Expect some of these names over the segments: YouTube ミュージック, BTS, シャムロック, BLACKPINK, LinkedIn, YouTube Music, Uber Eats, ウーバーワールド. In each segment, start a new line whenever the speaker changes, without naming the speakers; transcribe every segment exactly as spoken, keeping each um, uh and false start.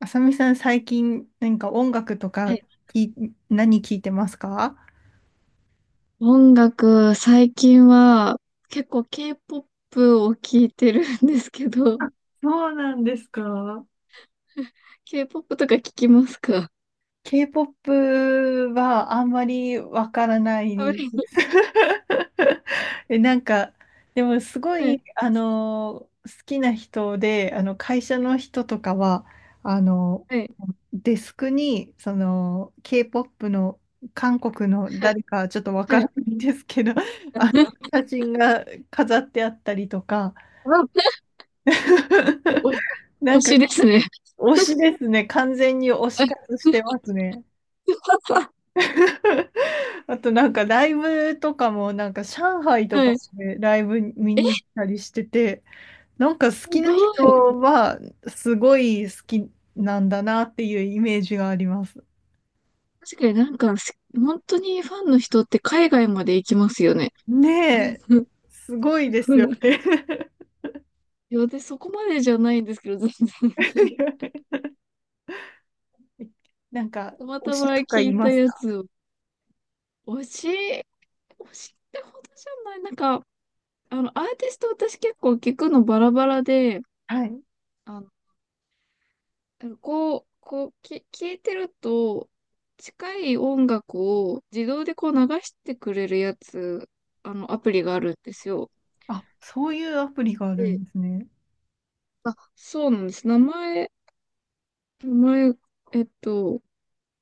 あさみさん、最近何か音楽と
は
か
い、
聞い、何聞いてますか？
音楽、最近は結構 K-ポップ を聞いてるんですけど、
そうなんですか。？
K-ポップ とか聞きますか？
K-ケーポップ はあんまりわからないです。え、なんか、でもすご
は
い、
い、
あの好きな人で、あの、会社の人とかは、あの
はい、
デスクに、その、K-ケーポップ の韓国の
はい、
誰かちょっとわか
はい。
らないんですけど、あの、写真が飾ってあったりとか、
はい、お
な
推
んか、
しですね。
推しですね。完全に推し
はい。
活してますね。あとなんかライブとかもなんか上海と
は
か
い、す
でライブ見に行ったりしてて、なんか好きな
ご
人
い。
はすごい好きなんだなっていうイメージがあります。
確かになんか、す本当にファンの人って海外まで行きますよね。
ねえ、
う
すごいですよ
ん。
ね。
いや、で、そこまでじゃないんですけど、全然。
なんか
たま
推
たま
しとか
聞
い
いた
ます
や
か？
つを、推し推しってほどじゃない。なんか、あの、アーティスト私結構聞くのバラバラで、
はい。
あの、こう、こう、き、聞いてると、近い音楽を自動でこう流してくれるやつ、あの、アプリがあるんですよ。
あ、そういうアプリがある
で、
んですね。
あ、そうなんです。名前、名前、えっと、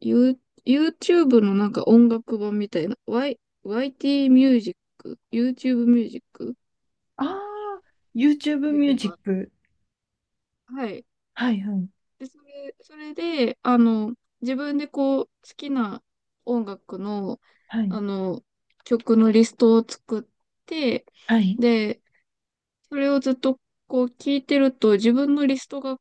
You、YouTube のなんか音楽版みたいな、Y、ワイティー ミュージック、YouTube ミュージック
ああ、
っ
YouTube
ていう
ミュー
の
ジッ
が、
ク。
はい。
はいはい。
で、それ、それで、あの、自分でこう、好きな音楽の、
はい。
あの、曲のリストを作って、
はい。
で、それをずっとこう聞いてると、自分のリストが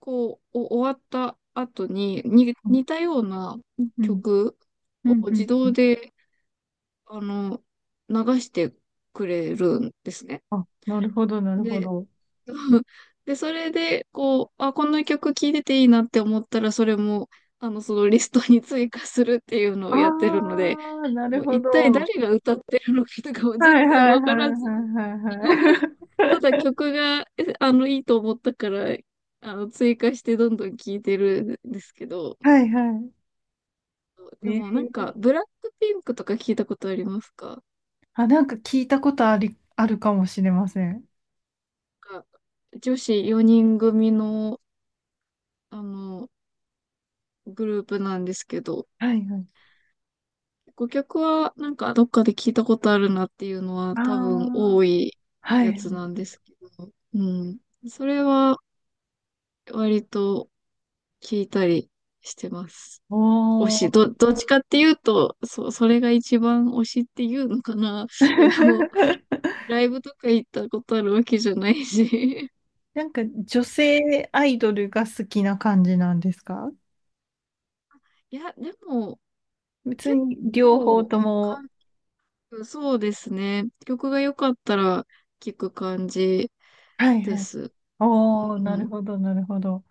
こう、お終わった後に、に、
う
似た
ん。
ような
うん。
曲
う
を
ん。
自
うん。
動で、あの、流してくれるんですね。
あ、なるほど、なるほ
で
ど。
そうで、それで、こう、あ、この曲聴いてていいなって思ったら、それも、あの、そのリストに追加するっていうのを
あ
やってるので、
あ、なる
もう
ほ
一体
ど。
誰が歌ってるのかとかも
は
全
い
然
はいはい。
わからず、
はいはい はい。
ただ曲が、えあの、いいと思ったから、あの、追加してどんどん聴いてるんですけど、
はいはい。
で
え
もなんか、
ー、
ブラックピンクとか聞いたことありますか？
あ、なんか聞いたことあり、あるかもしれません。
なんか女子よにん組の、あの、グループなんですけど、
はいはい。
ご曲はなんかどっかで聞いたことあるなっていうのは
あ
多分
あ、
多い
は
や
い。
つなんですけど、うん。それは割と聞いたりしてます。推
お
し、
お。
ど、どっちかっていうと、そ、それが一番推しっていうのかな。いやでも、ライブとか行ったことあるわけじゃないし。
なんか女性アイドルが好きな感じなんですか？
いや、でも
別
結
に両方
構、
とも。
韓国そうですね。曲が良かったら聞く感じ
はい
で
はい。
す。
おお、
う
なる
ん。
ほど、なるほど。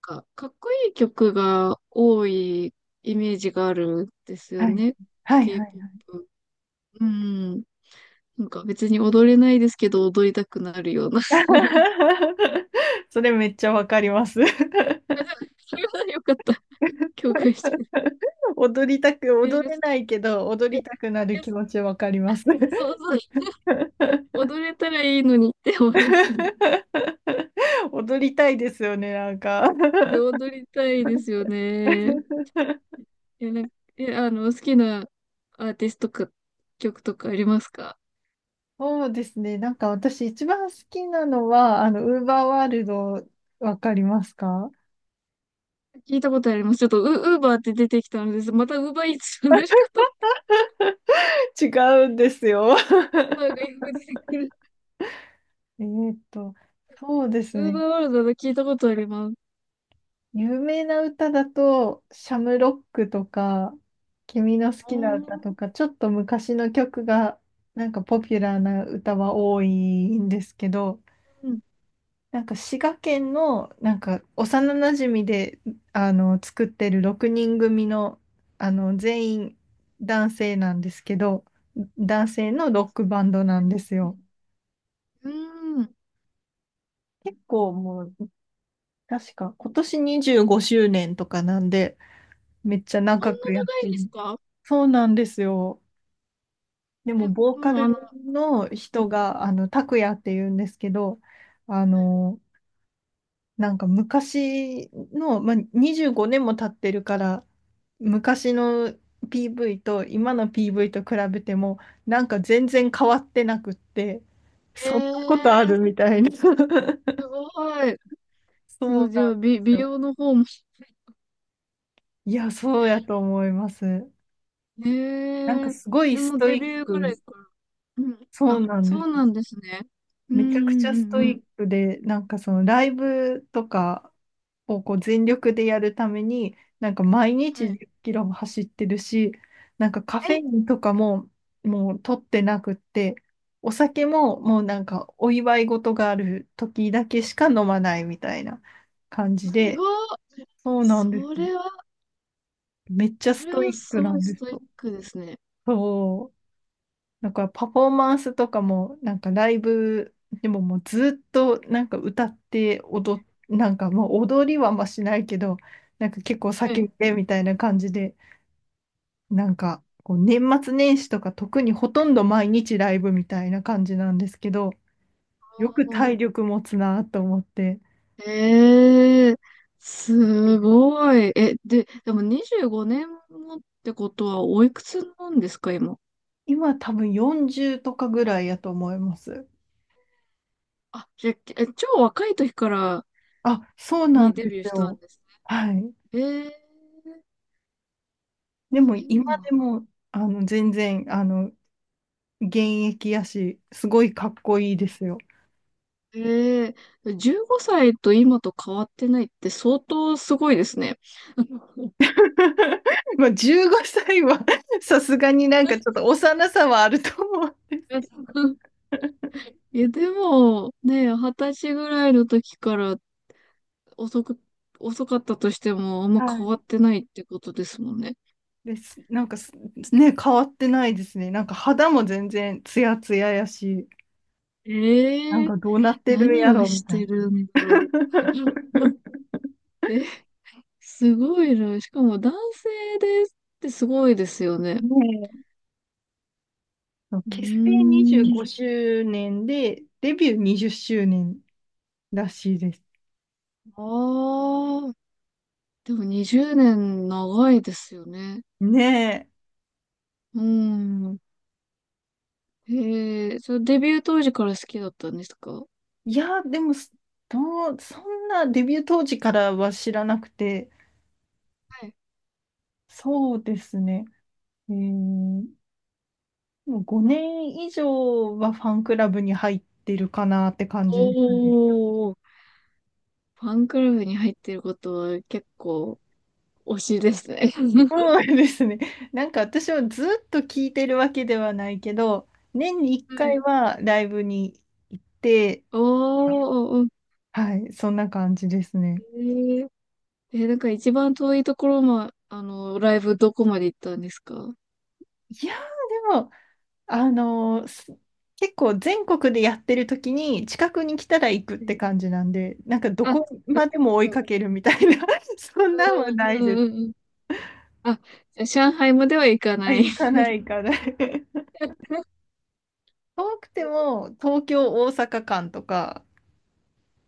か、かっこいい曲が多いイメージがあるんですよ
はい。
ね。
はいはいはい。
K-ポップ。うん。なんか別に踊れないですけど、踊りたくなるような。
それめっちゃわかります。
あ、でもそれはよかった。共感してくれて。
踊りたく、
いや、
踊
い
れないけど、踊
や、
りたくな
い
る
や、
気持ちわかります。
そうそう。踊れたらいいのにって思いますね。
踊りたいですよね、なんか。
で、踊りたいですよね。いや、なんか、え、あの、好きなアーティストとか、曲とかありますか？
そうですね、なんか私一番好きなのは、あの、ウーバーワールド、わかりますか？
聞いたことあります。ちょっとウ、ウーバーって出てきたのです。またウーバーイーツなんですかと、
違うんですよ。
あ、外国出てくる。
えーっと、そうです
ウーバ
ね。
ーワールドで聞いたことあります。
有名な歌だと、シャムロックとか、君の好
あ
きな歌
ー、
とか、ちょっと昔の曲が、なんかポピュラーな歌は多いんですけど、
うん。
なんか滋賀県の、なんか幼なじみで、あの、作ってるろくにんぐみ組の、あの、全員男性なんですけど、男性のロッ
そ
ク
う
バ
なん
ンドなん
で
です
すね、
よ。
うん。そん
結構もう、確か今年にじゅうごしゅうねんとかなんで、めっちゃ
な
長くやっ
長
て
いん
る。
ですか？
そうなんですよ。で
え、
も、ボーカ
もう
ル
あの、
の人が、あの、拓也って言うんですけど、あの、なんか昔の、まあ、にじゅうごねんも経ってるから、昔の ピーブイ と今の ピーブイ と比べても、なんか全然変わってなくって、
え
そんなことあ
ー、
るみたいな。
す ごい。
そう
通
なん
常、
で
美、
す
美
よ。
容の方も。
いや、そうやと思います。
え
なんか
ー、
すごい
で
ス
も
トイ
デ
ッ
ビューぐら
ク。
いから。うん。
そう
あ、
なん
そ
で
うな
す。
んですね。うん
めちゃく
う
ちゃ
ん
スト
うんうん。
イックで、なんかそのライブとかをこう全力でやるために、なんか毎
は
日
い。
じゅっキロも走ってるし、なんかカフェイ
え、
ンとかももう取ってなくって、お酒ももうなんかお祝い事がある時だけしか飲まないみたいな感
す
じで、
ごい。
そうなんです
そ
よ。
れは、
めっちゃ
そ
ス
れ
ト
は
イック
す
な
ごい
んで
ス
す
トイッ
よ。
クですね。
そう、だからパフォーマンスとかも、なんかライブでももうずっとなんか歌って踊っ、なんかもう踊りはあんましないけど、なんか結構
は
叫
い。
んでみたいな感じで、なんかこう年末年始とか特にほとんど毎日ライブみたいな感じなんですけど、よく体力持つなと思って、
ええ、すごい。え、で、でもにじゅうごねんもってことはおいくつなんですか、今。
今多分よんじゅうとかぐらいやと思います。
あ、じゃあ、え、超若い時から
あ、そうなん
にデ
で
ビュー
す
したん
よ。
です
はい。
ね。ええ、
で
そ
も今
うなん。
でも、あの、全然、あの、現役やし、すごいかっこいいですよ。
ええ、じゅうごさいと今と変わってないって相当すごいですね。
まあ、じゅうごさいは さすがになんかちょっと幼さはあると思う。
いや、でも、ね、はたちぐらいの時から遅く、遅かったとしても、あんま
は
変わ
い。
ってないってことですもんね。
です。なんかす、ね、変わってないですね。なんか肌も全然ツヤツヤやし、なん
ええ、
かどうなってるん
何
や
を
ろ
し
みたいな。
てるんだろう。え、すごいな。しかも男性ですってすごいですよね。
ねえ、そう、
う
結成25
ーん。
周年で、デビューにじゅっしゅうねんらしいです。
ああ。でもにじゅうねん長いですよね。
ねえ。
うーん。ええ、それデビュー当時から好きだったんですか？
いや、でも、どう、そんなデビュー当時からは知らなくて、
はい。
そうですね。えー、もうごねん以上はファンクラブに入ってるかなって感じですね。
おー。ファンクラブに入っていることは結構推しですね。
そうですね。なんか私はずっと聞いてるわけではないけど、年に1
は
回
い。
はライブに行って、
おー。おー、
はい、そんな感じですね。
おー、え、なんか一番遠いところ、ま、あの、ライブどこまで行ったんですか？
いやー、でも、あのーす結構全国でやってる時に近くに来たら行くっ
え
て感じなんで、なんかど
あ、
こ
な
ま
る
で
ほ
も追いか
ど。
けるみたいな、そんなんは
う
な
ん
い
う
で
ん
す。
うんうん。あ、じゃあ上海までは行か
あ、
ない。
行かない行かない。遠くても東京、大阪間とか、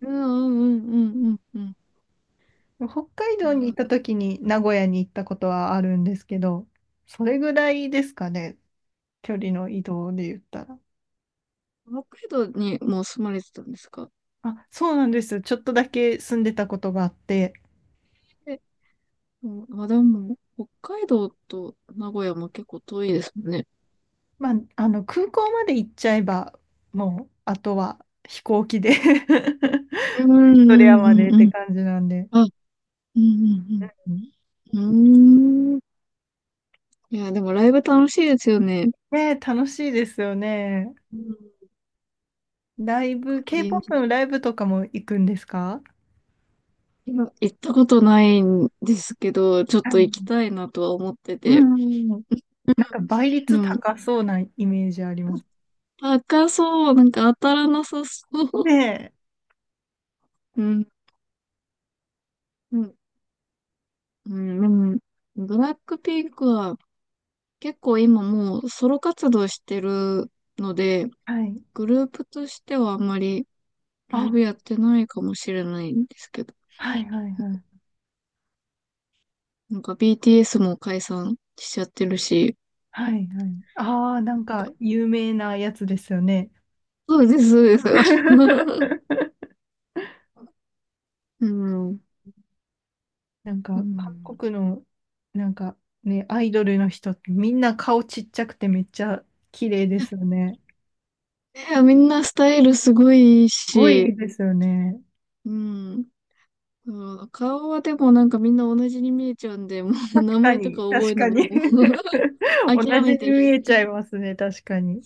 うんうんうんうんうんうん。
北海
い
道
や、
に行った時に名古屋に行ったことはあるんですけど、それぐらいですかね、距離の移動で言ったら。
北海道にもう住まれてたんですか？
あ、そうなんです。ちょっとだけ住んでたことがあって、
で、うん、まあでも、北海道と名古屋も結構遠いですもんね。
まあ、あの空港まで行っちゃえば、もうあとは飛行機で
うんう
ドレア
ん
ま
う
で
ん
って
うん。
感じなんで。
あ、うんう
う
ん
ん、
うん。うーん。いや、でもライブ楽しいですよね。
ねえ、楽しいですよね。
うん。なん
ライブ、
か臨場
K-ケーポップ のラ
感。
イブとかも行くんですか？
いや、行ったことないんですけど、ちょっ
は
と行きた
い。
いなとは思って
う
て。
んうん。なんか倍
で
率
も、
高そうなイメージあります。
高そう、なんか当たらなさそう。
ねえ。
うん、うん、うん、でも、ブラックピンクは結構今もうソロ活動してるので、
はい。
グループとしてはあんまりライ
あ、
ブやってないかもしれないんですけど、
はいはいはい。
なんか ビーティーエス も解散しちゃってるし、
はいはい。ああ、なんか有名なやつですよね。
そうです、そうです。うん、
なん
う
か韓
ん、
国の、なんかね、アイドルの人ってみんな顔ちっちゃくてめっちゃ綺麗ですよね。
いや、みんなスタイルすごいいい
すご
し、
いですよね。
うん。うん、顔はでもなんかみんな同じに見えちゃうんで、もう
確
名
か
前とか
に、
覚
確
える
か
のも
に。
もう
同
諦
じ
めて
に
る。
見えちゃいますね、確かに。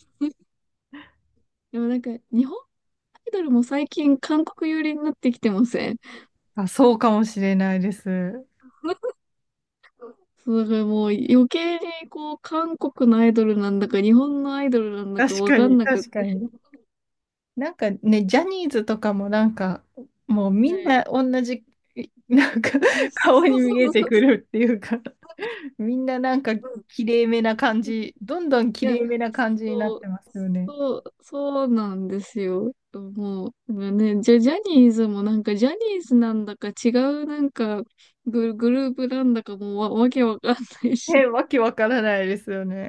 でもなんか日本アイドルも最近韓国寄りになってきてません？
あ、そうかもしれないです。
そう、だからもう余計にこう韓国のアイドルなんだか日本のアイドルなんだか
確
わ
か
かん
に、
なくっ
確か
て。
に。なんかね、ジャニーズとかもなんか、もうみ
は
ん
い、
な同じ、なんか
そう そう
顔
そ
に見え
う
て
そう
く
そ
るっていうか、みんななんか
う。
綺麗めな感じ、どんどん
い
綺
や、
麗めな感じにな
そ
って
う、
ますよね。
そう、そうなんですよ。もう、なんかね、じゃ、ジャニーズもなんかジャニーズなんだか違うなんかグ、グループなんだかもうわ、わけわかんない
ね、
し。
わけわからないですよね。